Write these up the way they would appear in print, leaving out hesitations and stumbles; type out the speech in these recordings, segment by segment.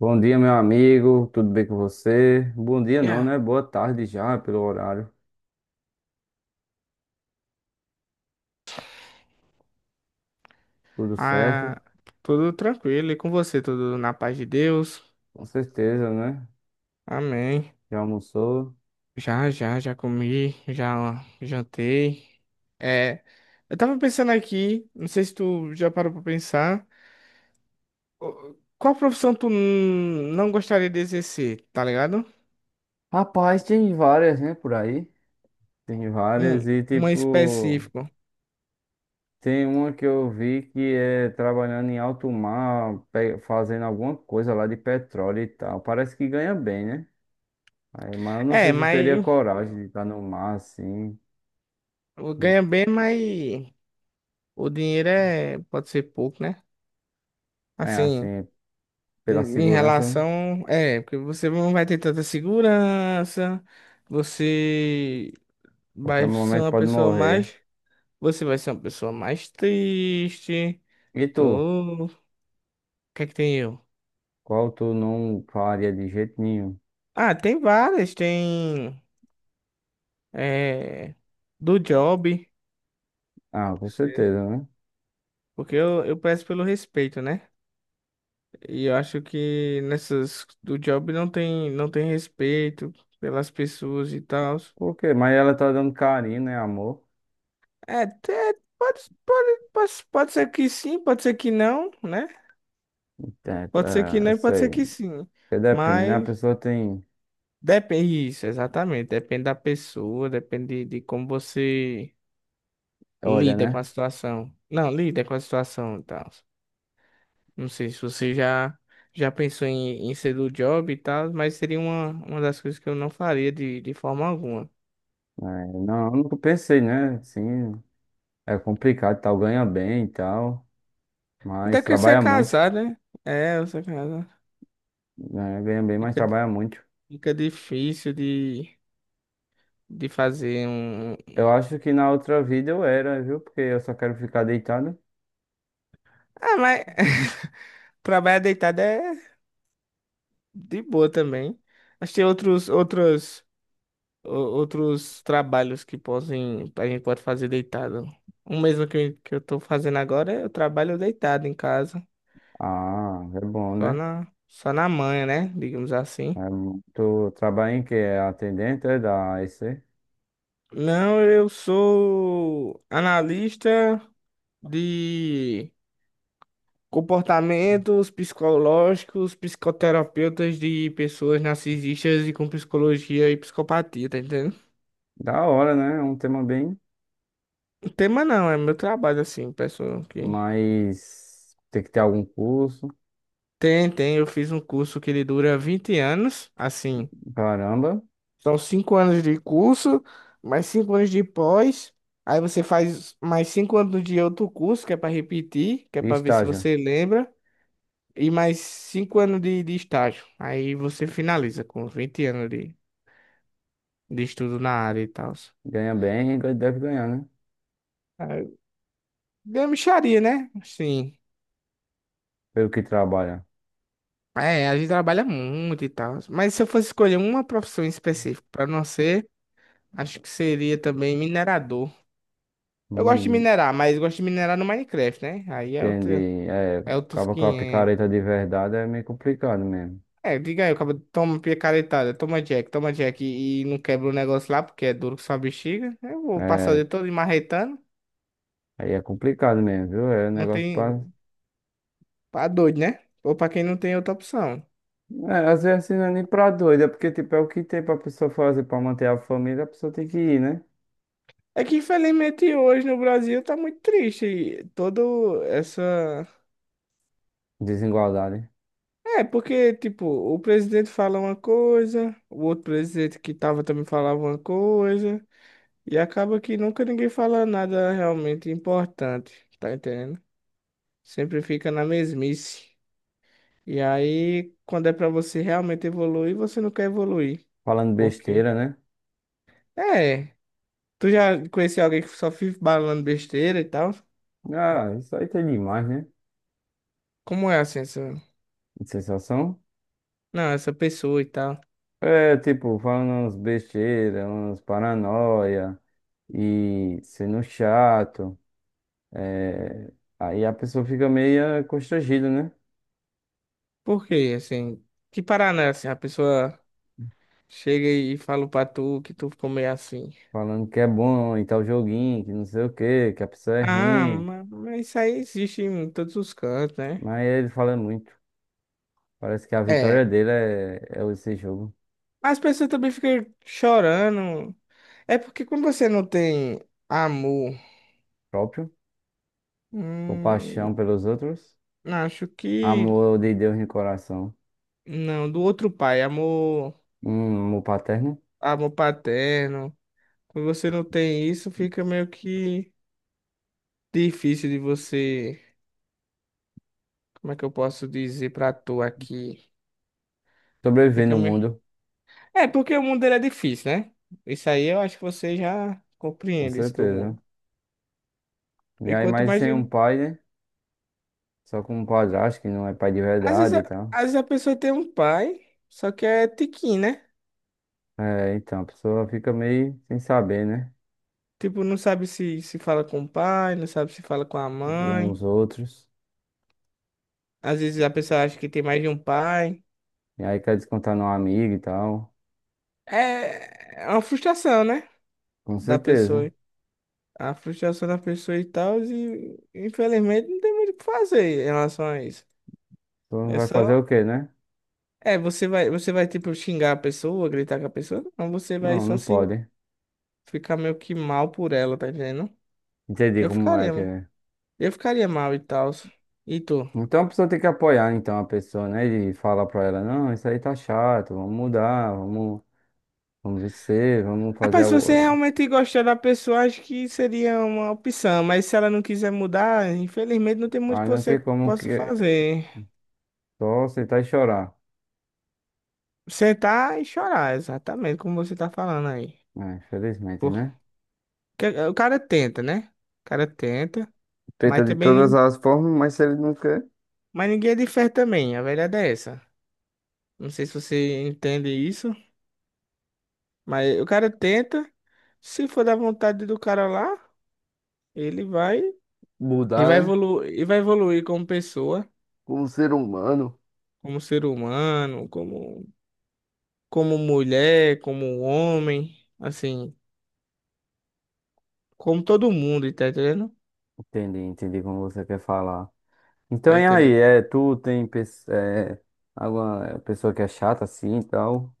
Bom dia, meu amigo. Tudo bem com você? Bom dia, não, Yeah. né? Boa tarde já, pelo horário. Tudo certo? Ah, tudo tranquilo e com você, tudo na paz de Deus. Com certeza, né? Amém. Já almoçou? Já, comi, já jantei. É, eu tava pensando aqui, não sei se tu já parou pra pensar, qual profissão tu não gostaria de exercer, tá ligado? Rapaz, tem várias, né, por aí. Tem várias Um, e, uma tipo, específica. tem uma que eu vi que é trabalhando em alto mar, fazendo alguma coisa lá de petróleo e tal. Parece que ganha bem, né? Aí, mas eu não sei É, se eu teria mas coragem de estar no mar assim. ganha bem, mas o dinheiro é, pode ser pouco, né? É, Assim. assim, pela Em segurança, né? relação. É, porque você não vai ter tanta segurança, você Qualquer vai ser momento uma pode pessoa morrer. mais. Você vai ser uma pessoa mais triste. E tu? Tô... O que é que tem eu? Qual tu não faria de jeito nenhum? Ah, tem várias, tem. É, do job. Ah, com Sim. certeza, né? Porque eu peço pelo respeito, né? E eu acho que nessas do job não tem respeito pelas pessoas e tal. Por quê? Mas ela tá dando carinho, né? Amor. É, é, pode, pode ser que sim, pode ser que não, né? É, Pode ser que é, eu não e pode ser sei. que sim. Porque depende, né? A Mas pessoa tem. depende isso, exatamente. Depende da pessoa, depende de como você Olha, lida com a né? situação. Não, lida com a situação e tal. Não sei se você já pensou em ser do job e tal, mas seria uma das coisas que eu não faria de forma alguma. É, não, eu nunca pensei, né? Sim, é complicado, e tal. Ganha bem e tal. Até Mas que você é trabalha muito. casado, né? É, você é casado. Né? Ganha bem, mas Fica, di- trabalha muito. fica difícil de fazer um, Eu acho que na outra vida eu era, viu? Porque eu só quero ficar deitado. Ah, mas trabalhar deitado é de boa também. Mas tem outros trabalhos que podem, a gente pode fazer deitado. O mesmo que, que eu tô fazendo agora, eu trabalho deitado em casa, Ah, é bom, só né? na, só na manhã, né? Digamos assim. É, tu trabalha em que? É atendente, é da AEC? Não, eu sou analista de comportamentos psicológicos, psicoterapeutas de pessoas narcisistas e com psicologia e psicopatia, tá entendendo? Da hora, né? É um tema bem, Tema não, é meu trabalho, assim, pessoal que... mas tem que ter algum curso, Tem, tem, eu fiz um curso que ele dura 20 anos, assim, caramba. são 5 anos de curso, mais 5 anos de pós, aí você faz mais 5 anos de outro curso, que é para repetir, que é E para ver se estágio. você lembra, e mais 5 anos de estágio, aí você finaliza com 20 anos de estudo na área e tal. Ganha bem e deve ganhar, né? Aí, Gamicharia, né? Sim. Pelo que trabalha. É, a gente trabalha muito e tal. Mas se eu fosse escolher uma profissão específica para não ser, acho que seria também minerador. Eu gosto de Hum, minerar, mas gosto de minerar no Minecraft, né? Aí é outro, entendi. É, é outros acaba com a 500. picareta de verdade é meio complicado mesmo. É, diga aí, eu acabo toma picaretada, toma Jack e não quebra o negócio lá porque é duro que só uma bexiga. Eu vou passar o É, dia todo marretando. aí é complicado mesmo, viu? É um Não negócio pra. tem. Pra doido, né? Ou pra quem não tem outra opção. É, às vezes assim, não é nem pra doido, é porque tipo, é o que tem pra pessoa fazer pra manter a família, a pessoa tem que ir, né? É que infelizmente hoje no Brasil tá muito triste. E todo essa. Desigualdade. É, porque, tipo, o presidente fala uma coisa, o outro presidente que tava também falava uma coisa. E acaba que nunca ninguém fala nada realmente importante, tá entendendo? Sempre fica na mesmice. E aí, quando é pra você realmente evoluir, você não quer evoluir. Falando Por quê? besteira, né? É. Tu já conheceu alguém que só fica balando besteira e tal? Ah, isso aí tem demais, né? Como é assim, essa... Sensação. Não, essa pessoa e tal. É, tipo, falando umas besteiras, umas paranoia e sendo chato. É, aí a pessoa fica meio constrangida, né? Por quê, assim? Que parada é assim? A pessoa chega e fala pra tu que tu ficou meio assim. Falando que é bom e tal joguinho, que não sei o quê, que a pessoa é ruim. Mas isso aí existe em todos os cantos, né? Mas ele fala muito. Parece que a É. vitória dele é, é esse jogo As pessoas também ficam chorando. É porque quando você não tem amor, próprio. hum, Compaixão pelos outros. acho que Amor de Deus no coração. não, do outro pai, amor, Um amor paterno. amor paterno. Quando você não tem isso, fica meio que difícil de você, como é que eu posso dizer pra tu aqui? Sobreviver Fica no meio... mundo, É porque o mundo ele é difícil, né? Isso aí eu acho que você já com compreende isso do certeza. mundo. E E aí, quanto mais mais de... sem um pai, né? Só como padrasto, que não é pai de verdade e tal. às vezes a pessoa tem um pai, só que é tiquinho, né? É, então, a pessoa fica meio sem saber, né? Tipo, não sabe se fala com o pai, não sabe se fala com a Como os mãe. outros. Às vezes a pessoa acha que tem mais de um pai. E aí quer descontar no amigo e tal. É, é uma frustração, né? Com Da certeza. A pessoa. A frustração da pessoa e tal. E infelizmente não tem muito o que fazer em relação a isso. pessoa É vai fazer só. o quê, né? É, você vai, tipo, xingar a pessoa, gritar com a pessoa. Não, você vai Não, só não se pode. ficar meio que mal por ela, tá entendendo? Entendi Eu como é ficaria, que mano. é. Eu ficaria mal e tal. E tu? Então a pessoa tem que apoiar então a pessoa, né? E falar pra ela, não, isso aí tá chato, vamos mudar, vamos, vamos vencer, vamos fazer Rapaz, se você algo. realmente gostar da pessoa, acho que seria uma opção, mas se ela não quiser mudar, infelizmente não tem muito Aí que não você tem como que possa fazer. só aceitar e chorar. Sentar e chorar, exatamente como você tá falando aí. É, infelizmente, Porque né? o cara tenta, né? O cara tenta, mas Tenta de também, todas nin- as formas, mas se ele não quer. mas ninguém é de fé também, a verdade é essa. Não sei se você entende isso, mas o cara tenta, se for da vontade do cara lá, ele vai Mudar, né? E vai evoluir como pessoa, Como ser humano. como ser humano, como mulher, como homem, assim, como todo mundo, tá entendendo? Entendi, entendi como você quer falar. Tá Então, e aí, entendendo? é, é, alguma pessoa que é chata assim e tal?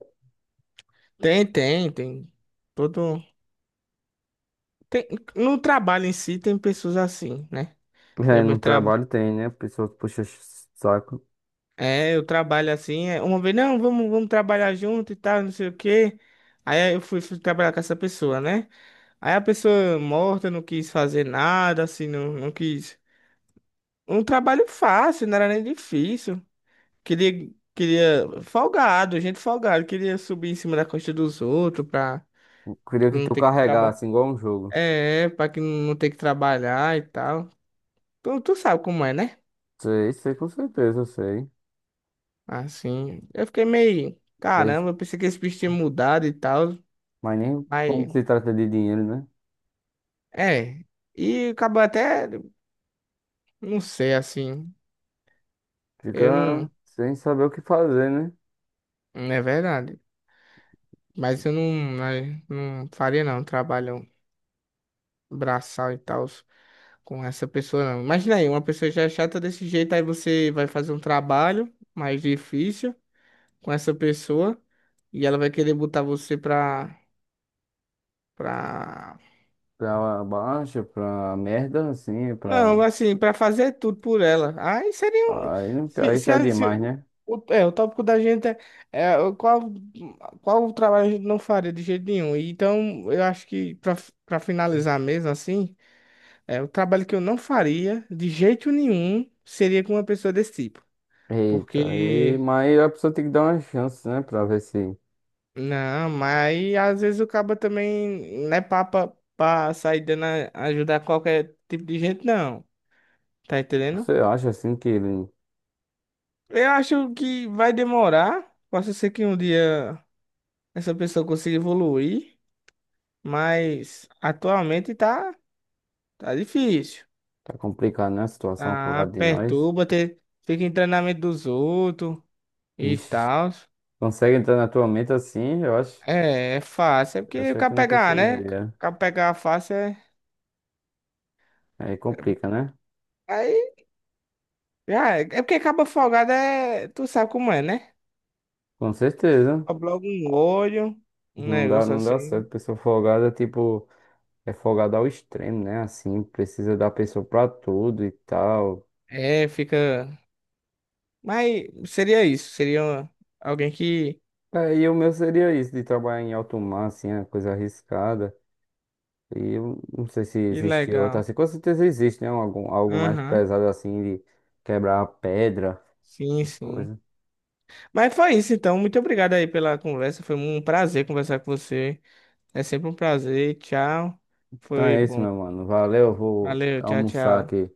Tem. Todo. Tem, no trabalho em si tem pessoas assim, né? É, Eu me no tra... trabalho tem, né? Pessoa que puxa saco. Eu trabalho assim. É, Uma vez, não, vamos trabalhar junto e tal, não sei o quê. Aí eu fui, fui trabalhar com essa pessoa, né? Aí a pessoa morta não quis fazer nada, assim, não, não quis. Um trabalho fácil, não era nem difícil. Queria, folgado, gente folgado, queria subir em cima da costa dos outros pra Eu queria que não tu ter que trabalhar. carregasse igual um jogo. É, pra que não ter que trabalhar e tal. Tu sabe como é, né? Sei, sei, com certeza, eu sei. Assim, eu fiquei meio, Mas caramba, eu pensei que esse bicho tinha mudado e tal, mas nem mas, como se trata de dinheiro, né? é. E acabou até, não sei, assim, eu Fica não, sem saber o que fazer, né? não é verdade. Mas eu não, não faria não, um trabalho braçal e tal com essa pessoa, não. Imagina aí, uma pessoa já é chata desse jeito, aí você vai fazer um trabalho mais difícil com essa pessoa e ela vai querer botar você pra... Pra baixa, pra merda, assim, pra. Não, assim, pra fazer tudo por ela. Aí seria um... Aí, Se, aí se, a- pede se- mais, né? o, é, o tópico da gente é, é o qual, qual o trabalho a gente não faria de jeito nenhum. Então, eu acho que pra, pra finalizar mesmo, assim... É, o trabalho que eu não faria de jeito nenhum seria com uma pessoa desse tipo. Eita, aí, Porque, mas a pessoa tem que dar uma chance, né? Pra ver se não, mas às vezes o cabo também não é papa pra sair ajudar qualquer tipo de gente, não. Tá entendendo? você acha assim que ele Eu acho que vai demorar. Posso ser que um dia essa pessoa consiga evoluir, mas atualmente tá, tá difícil. tá complicado, né? A situação pro Ah, lado de nós. perturba, fica em treinamento dos outros e Ixi, tal. consegue entrar na tua mente assim? Eu acho, É, é fácil. É porque o achei que cara não pegar, né? O conseguiria. cara pegar fácil é. Aí complica, né? Aí, já é. É porque cabo folgado é. Tu sabe como é, né? Com certeza. Dobra logo um olho, um Não dá, negócio não dá assim. certo. Pessoa folgada, tipo, é folgada ao extremo, né? Assim, precisa da pessoa pra tudo e tal. É, fica. Mas seria isso. Seria alguém que. Aí o meu seria isso, de trabalhar em alto mar, assim, é coisa arriscada. E eu não sei se Que existe outra legal. assim. Com certeza existe, né? Algum, algo mais Aham. pesado assim de quebrar pedra, Sim, essas sim. coisas. Mas foi isso, então. Muito obrigado aí pela conversa. Foi um prazer conversar com você. É sempre um prazer. Tchau. Então Foi é isso, bom. meu mano. Valeu, eu vou Valeu, tchau, almoçar tchau. aqui.